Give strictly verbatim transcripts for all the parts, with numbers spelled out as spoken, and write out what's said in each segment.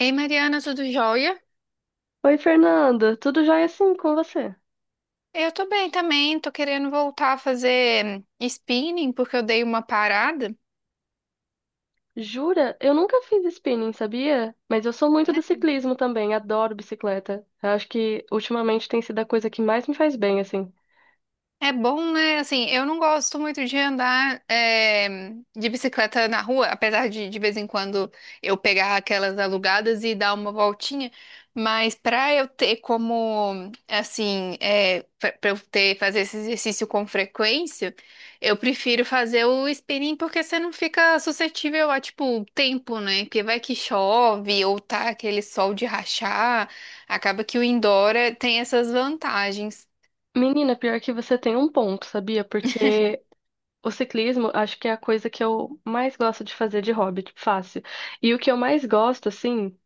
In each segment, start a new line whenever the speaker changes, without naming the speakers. Ei, Mariana, tudo jóia?
Oi, Fernanda, tudo jóia assim com você?
Eu tô bem também, tô querendo voltar a fazer hum, spinning porque eu dei uma parada.
Jura? Eu nunca fiz spinning, sabia? Mas eu sou muito do ciclismo também, adoro bicicleta. Eu acho que ultimamente tem sido a coisa que mais me faz bem, assim.
É bom, né? Assim, eu não gosto muito de andar eh, de bicicleta na rua, apesar de de vez em quando eu pegar aquelas alugadas e dar uma voltinha. Mas para eu ter como, assim, é, para eu ter fazer esse exercício com frequência, eu prefiro fazer o spinning porque você não fica suscetível a, tipo, tempo, né? Porque vai que chove ou tá aquele sol de rachar, acaba que o indoor eh, tem essas vantagens.
Menina, pior que você tem um ponto, sabia? Porque o ciclismo acho que é a coisa que eu mais gosto de fazer de hobby, tipo, fácil. E o que eu mais gosto, assim.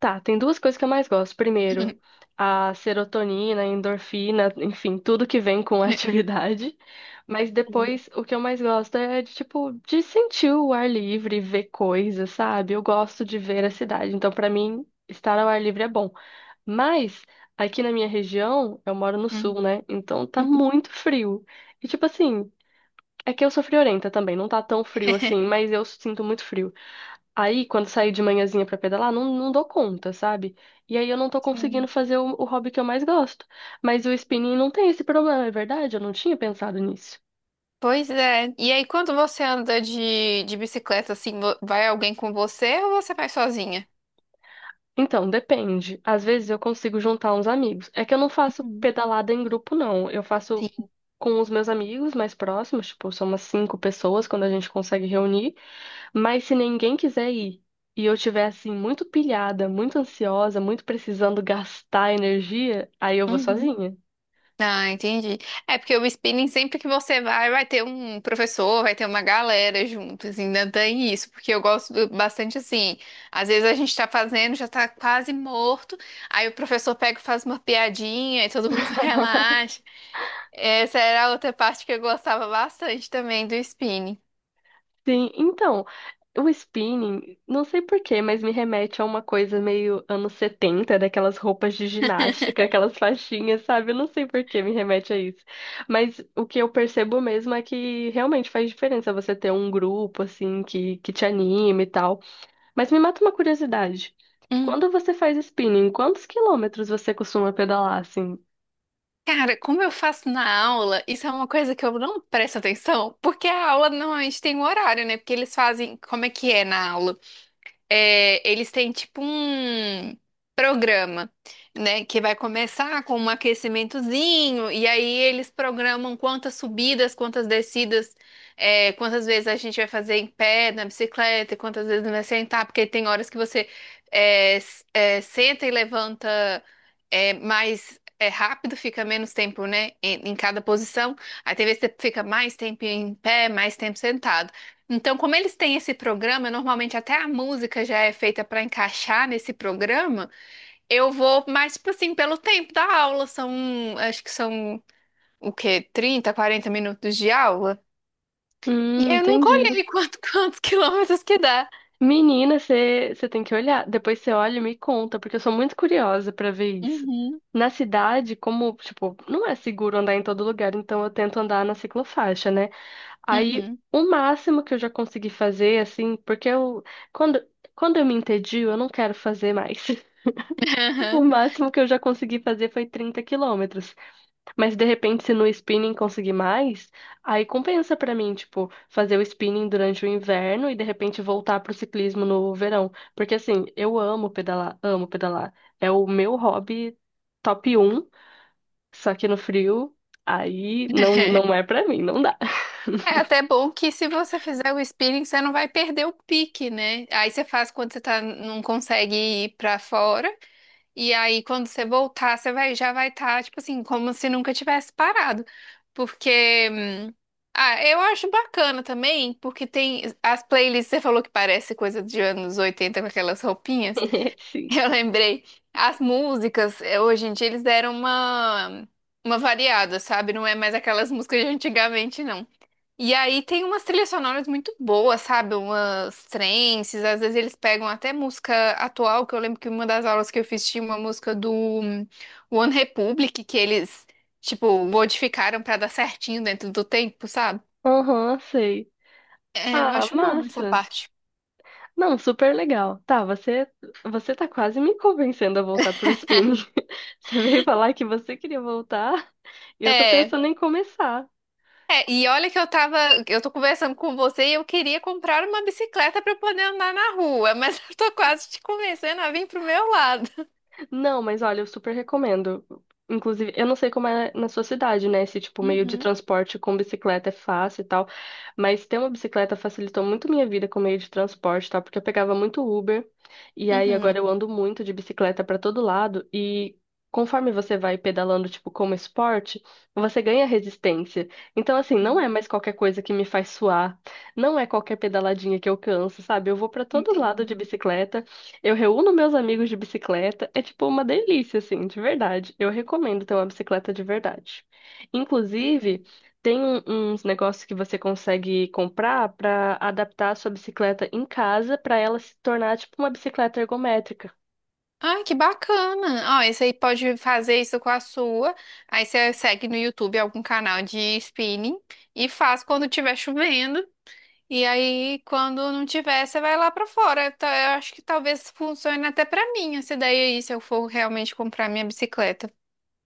Tá, tem duas coisas que eu mais gosto. Primeiro, a serotonina, a endorfina, enfim, tudo que vem com a atividade. Mas depois, o que eu mais gosto é de, tipo, de sentir o ar livre, ver coisas, sabe? Eu gosto de ver a cidade. Então, pra mim, estar ao ar livre é bom. Mas, aqui na minha região, eu moro no
Hum,
sul, né? Então, tá
uhum.
muito frio. E, tipo assim, é que eu sou friorenta também. Não tá tão frio assim, mas eu sinto muito frio. Aí, quando saio de manhãzinha pra pedalar, não, não dou conta, sabe? E aí eu não tô
Sim.
conseguindo fazer o, o hobby que eu mais gosto. Mas o spinning não tem esse problema, é verdade? Eu não tinha pensado nisso.
Pois é. E aí, quando você anda de, de bicicleta, assim, vo- vai alguém com você ou você vai sozinha?
Então, depende. Às vezes eu consigo juntar uns amigos. É que eu não faço
Uhum.
pedalada em grupo, não. Eu faço
Sim.
com os meus amigos mais próximos, tipo, são umas cinco pessoas quando a gente consegue reunir. Mas se ninguém quiser ir e eu tiver, assim, muito pilhada, muito ansiosa, muito precisando gastar energia, aí eu vou
Uhum.
sozinha.
Ah, entendi. É porque o spinning, sempre que você vai, vai ter um professor, vai ter uma galera juntos, ainda tem isso, porque eu gosto do- bastante assim. Às vezes a gente tá fazendo, já tá quase morto, aí o professor pega e faz uma piadinha e todo mundo relaxa. Essa era a outra parte que eu gostava bastante também do spinning.
Sim, então, o spinning, não sei por quê, mas me remete a uma coisa meio anos setenta, daquelas roupas de ginástica, aquelas faixinhas, sabe? Eu não sei por que me remete a isso. Mas o que eu percebo mesmo é que realmente faz diferença você ter um grupo, assim, que, que te anime e tal. Mas me mata uma curiosidade. Quando você faz spinning, quantos quilômetros você costuma pedalar, assim?
Cara, como eu faço na aula, isso é uma coisa que eu não presto atenção, porque a aula normalmente tem um horário, né? Porque eles fazem, como é que é na aula? É, eles têm tipo um programa, né, que vai começar com um aquecimentozinho e aí eles programam quantas subidas, quantas descidas, é, quantas vezes a gente vai fazer em pé, na bicicleta, e quantas vezes vai sentar, porque tem horas que você é, s- é, senta e levanta é, mais é, rápido, fica menos tempo, né, em, em cada posição. Aí tem vezes que você fica mais tempo em pé, mais tempo sentado. Então, como eles têm esse programa, normalmente até a música já é feita para encaixar nesse programa. Eu vou mais, tipo assim, pelo tempo da aula. São, acho que são o quê? Trinta, quarenta minutos de aula. E
Hum,
eu nunca
entendi.
olhei quanto, quantos quilômetros que dá.
Menina, você tem que olhar. Depois você olha e me conta, porque eu sou muito curiosa pra ver isso.
Uhum,
Na cidade, como, tipo, não é seguro andar em todo lugar, então eu tento andar na ciclofaixa, né? Aí,
uhum.
o máximo que eu já consegui fazer, assim, porque eu, quando, quando eu me entedio, eu não quero fazer mais. O
Aham.
máximo que eu já consegui fazer foi trinta quilômetros. Mas de repente, se no spinning conseguir mais, aí compensa pra mim, tipo, fazer o spinning durante o inverno e de repente voltar pro ciclismo no verão. Porque assim, eu amo pedalar, amo pedalar. É o meu hobby top um só que no frio, aí não, não é pra mim, não dá.
É até bom que se você fizer o spinning, você não vai perder o pique, né? Aí você faz quando você tá, não consegue ir para fora. E aí, quando você voltar, você vai, já vai estar, tipo assim, como se nunca tivesse parado. Porque, ah, eu acho bacana também, porque tem as playlists, você falou que parece coisa de anos oitenta com aquelas roupinhas.
Sim.
Eu lembrei, as músicas, eh, hoje em dia, eles deram uma, uma variada, sabe? Não é mais aquelas músicas de antigamente, não. E aí tem umas trilhas sonoras muito boas, sabe? Umas trances, às vezes eles pegam até música atual, que eu lembro que uma das aulas que eu fiz tinha uma música do hum, One Republic, que eles, tipo, modificaram pra dar certinho dentro do tempo, sabe?
Aham, sei.
É, eu
Ah,
acho bom essa
massa.
parte.
Não, super legal. Tá, você, você tá quase me convencendo a voltar pro spinning. Você veio falar que você queria voltar. E eu tô
É,
pensando em começar.
é, e olha que eu tava, eu tô conversando com você e eu queria comprar uma bicicleta pra eu poder andar na rua, mas eu tô quase te convencendo a vir pro meu lado.
Não, mas olha, eu super recomendo. Inclusive, eu não sei como é na sua cidade, né? Se, tipo, meio de
Uhum,
transporte com bicicleta é fácil e tal. Mas ter uma bicicleta facilitou muito minha vida com meio de transporte, tá? Porque eu pegava muito Uber. E aí
uhum.
agora eu ando muito de bicicleta pra todo lado. E conforme você vai pedalando, tipo, como esporte, você ganha resistência. Então, assim, não é mais qualquer coisa que me faz suar. Não é qualquer pedaladinha que eu canso, sabe? Eu vou pra todo lado de
Entendo.
bicicleta. Eu reúno meus amigos de bicicleta, é tipo uma delícia, assim, de verdade. Eu recomendo ter uma bicicleta de verdade. Inclusive, tem um- uns negócios que você consegue comprar para adaptar a sua bicicleta em casa para ela se tornar tipo uma bicicleta ergométrica.
Ai, que bacana! Ó, esse aí pode fazer isso com a sua. Aí você segue no YouTube algum canal de spinning e faz quando tiver chovendo. E aí, quando não tiver, você vai lá pra fora. Tá, eu acho que talvez funcione até pra mim essa ideia aí, se eu for realmente comprar minha bicicleta.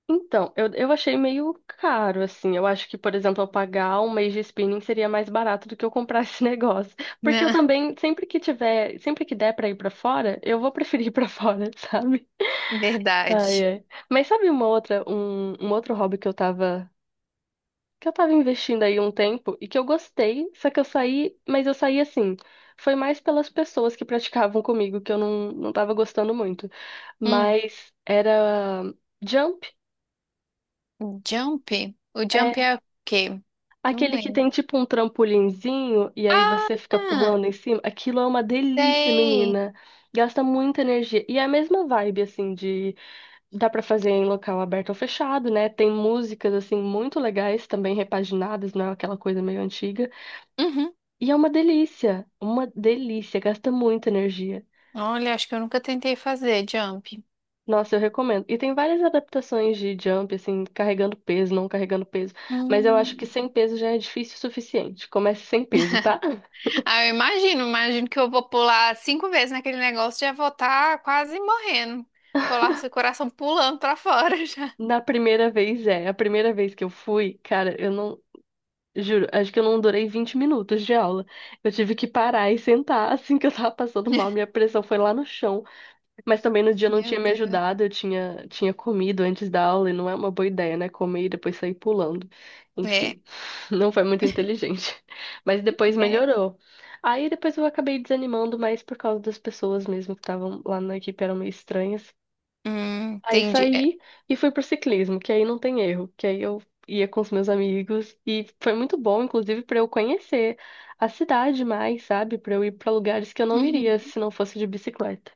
Então, eu, eu achei meio caro, assim. Eu acho que, por exemplo, eu pagar um mês de spinning seria mais barato do que eu comprar esse negócio. Porque eu
Né?
também, sempre que tiver, sempre que der para ir para fora, eu vou preferir ir para fora, sabe? Ai,
Verdade.
ai. Mas sabe uma outra, um, um outro hobby que eu tava, que eu tava investindo aí um tempo e que eu gostei, só que eu saí, mas eu saí assim, foi mais pelas pessoas que praticavam comigo, que eu não, não tava gostando muito.
Hum,
Mas era jump,
jump? O
é
jump é o quê? Não
aquele que
lembro.
tem tipo um trampolinzinho e aí
Ah,
você fica pulando em cima. Aquilo é uma delícia,
sei.
menina. Gasta muita energia. E é a mesma vibe, assim, de dá pra fazer em local aberto ou fechado, né? Tem músicas assim muito legais também repaginadas, não é aquela coisa meio antiga.
Uhum.
E é uma delícia, uma delícia, gasta muita energia.
Olha, acho que eu nunca tentei fazer jump.
Nossa, eu recomendo. E tem várias adaptações de jump, assim, carregando peso, não carregando peso. Mas eu acho que
Hum.
sem peso já é difícil o suficiente. Comece sem peso, tá?
Ah, eu imagino, imagino que eu vou pular cinco vezes naquele negócio e já vou estar quase morrendo. Colar seu coração pulando pra fora já.
Na primeira vez é. A primeira vez que eu fui, cara, eu não. Juro, acho que eu não durei vinte minutos de aula. Eu tive que parar e sentar assim que eu tava passando mal. Minha pressão foi lá no chão. Mas também no dia não
Meu
tinha me
Deus.
ajudado, eu tinha, tinha comido antes da aula e não é uma boa ideia, né? Comer e depois sair pulando.
É,
Enfim, não foi muito inteligente. Mas depois
é.
melhorou. Aí depois eu acabei desanimando mais por causa das pessoas mesmo que estavam lá na equipe, eram meio estranhas.
Hum,
Aí
entendi. É.
saí e fui pro ciclismo, que aí não tem erro, que aí eu ia com os meus amigos e foi muito bom, inclusive, para eu conhecer a cidade mais, sabe? Para eu ir para lugares que eu não
Uhum.
iria se não fosse de bicicleta.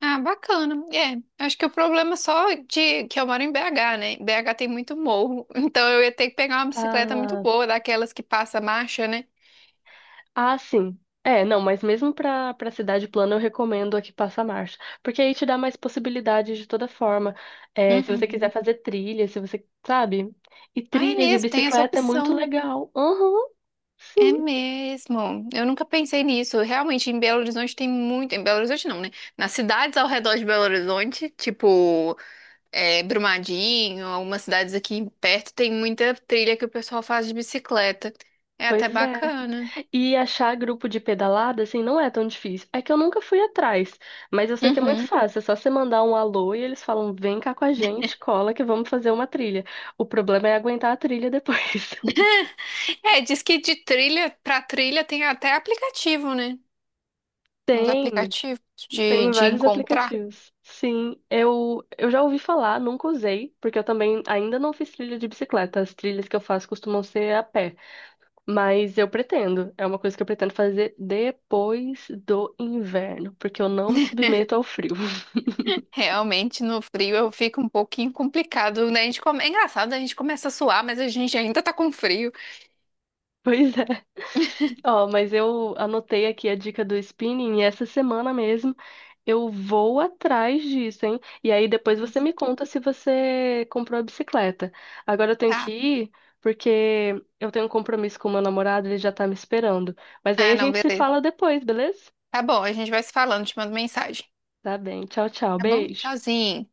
Ah, bacana. É, acho que o problema é só de que eu moro em B H, né? B H tem muito morro, então eu ia ter que pegar uma bicicleta muito
Ah,
boa, daquelas que passa marcha, né?
Ah, sim. É, não, mas mesmo para para cidade plana eu recomendo a que passa a marcha, porque aí te dá mais possibilidades de toda forma. É, se você quiser
Uhum.
fazer trilha, se você, sabe? E
Ah, é
trilha de
mesmo, tem essa
bicicleta é muito
opção.
legal. Uhum, sim,
É mesmo. Eu nunca pensei nisso. Realmente, em Belo Horizonte tem muito. Em Belo Horizonte não, né? Nas cidades ao redor de Belo Horizonte, tipo é, Brumadinho, algumas cidades aqui perto, tem muita trilha que o pessoal faz de bicicleta. É até
pois é.
bacana.
E achar grupo de pedalada, assim, não é tão difícil. É que eu nunca fui atrás, mas eu sei que é muito
Uhum.
fácil. É só você mandar um alô e eles falam: vem cá com a gente, cola que vamos fazer uma trilha. O problema é aguentar a trilha depois.
É, diz que de trilha pra trilha tem até aplicativo, né? Uns
Tem.
aplicativos de,
Tem
de
vários
encontrar.
aplicativos. Sim, eu, eu já ouvi falar, nunca usei, porque eu também ainda não fiz trilha de bicicleta. As trilhas que eu faço costumam ser a pé, mas eu pretendo. É uma coisa que eu pretendo fazer depois do inverno, porque eu não me submeto ao frio.
Realmente, no frio eu fico um pouquinho complicado, né? A gente come... É engraçado, a gente começa a suar, mas a gente ainda tá com frio.
Pois é. Ó, mas eu anotei aqui a dica do spinning e essa semana mesmo eu vou atrás disso, hein? E aí depois
Não
você me
sei.
conta se você comprou a bicicleta. Agora eu tenho que
Tá?
ir porque eu tenho um compromisso com o meu namorado, ele já tá me esperando. Mas aí
Ah,
a
não,
gente se
beleza.
fala depois, beleza?
Tá bom, a gente vai se falando, te mando mensagem.
Tá bem. Tchau, tchau.
Tá bom?
Beijo.
Tchauzinho.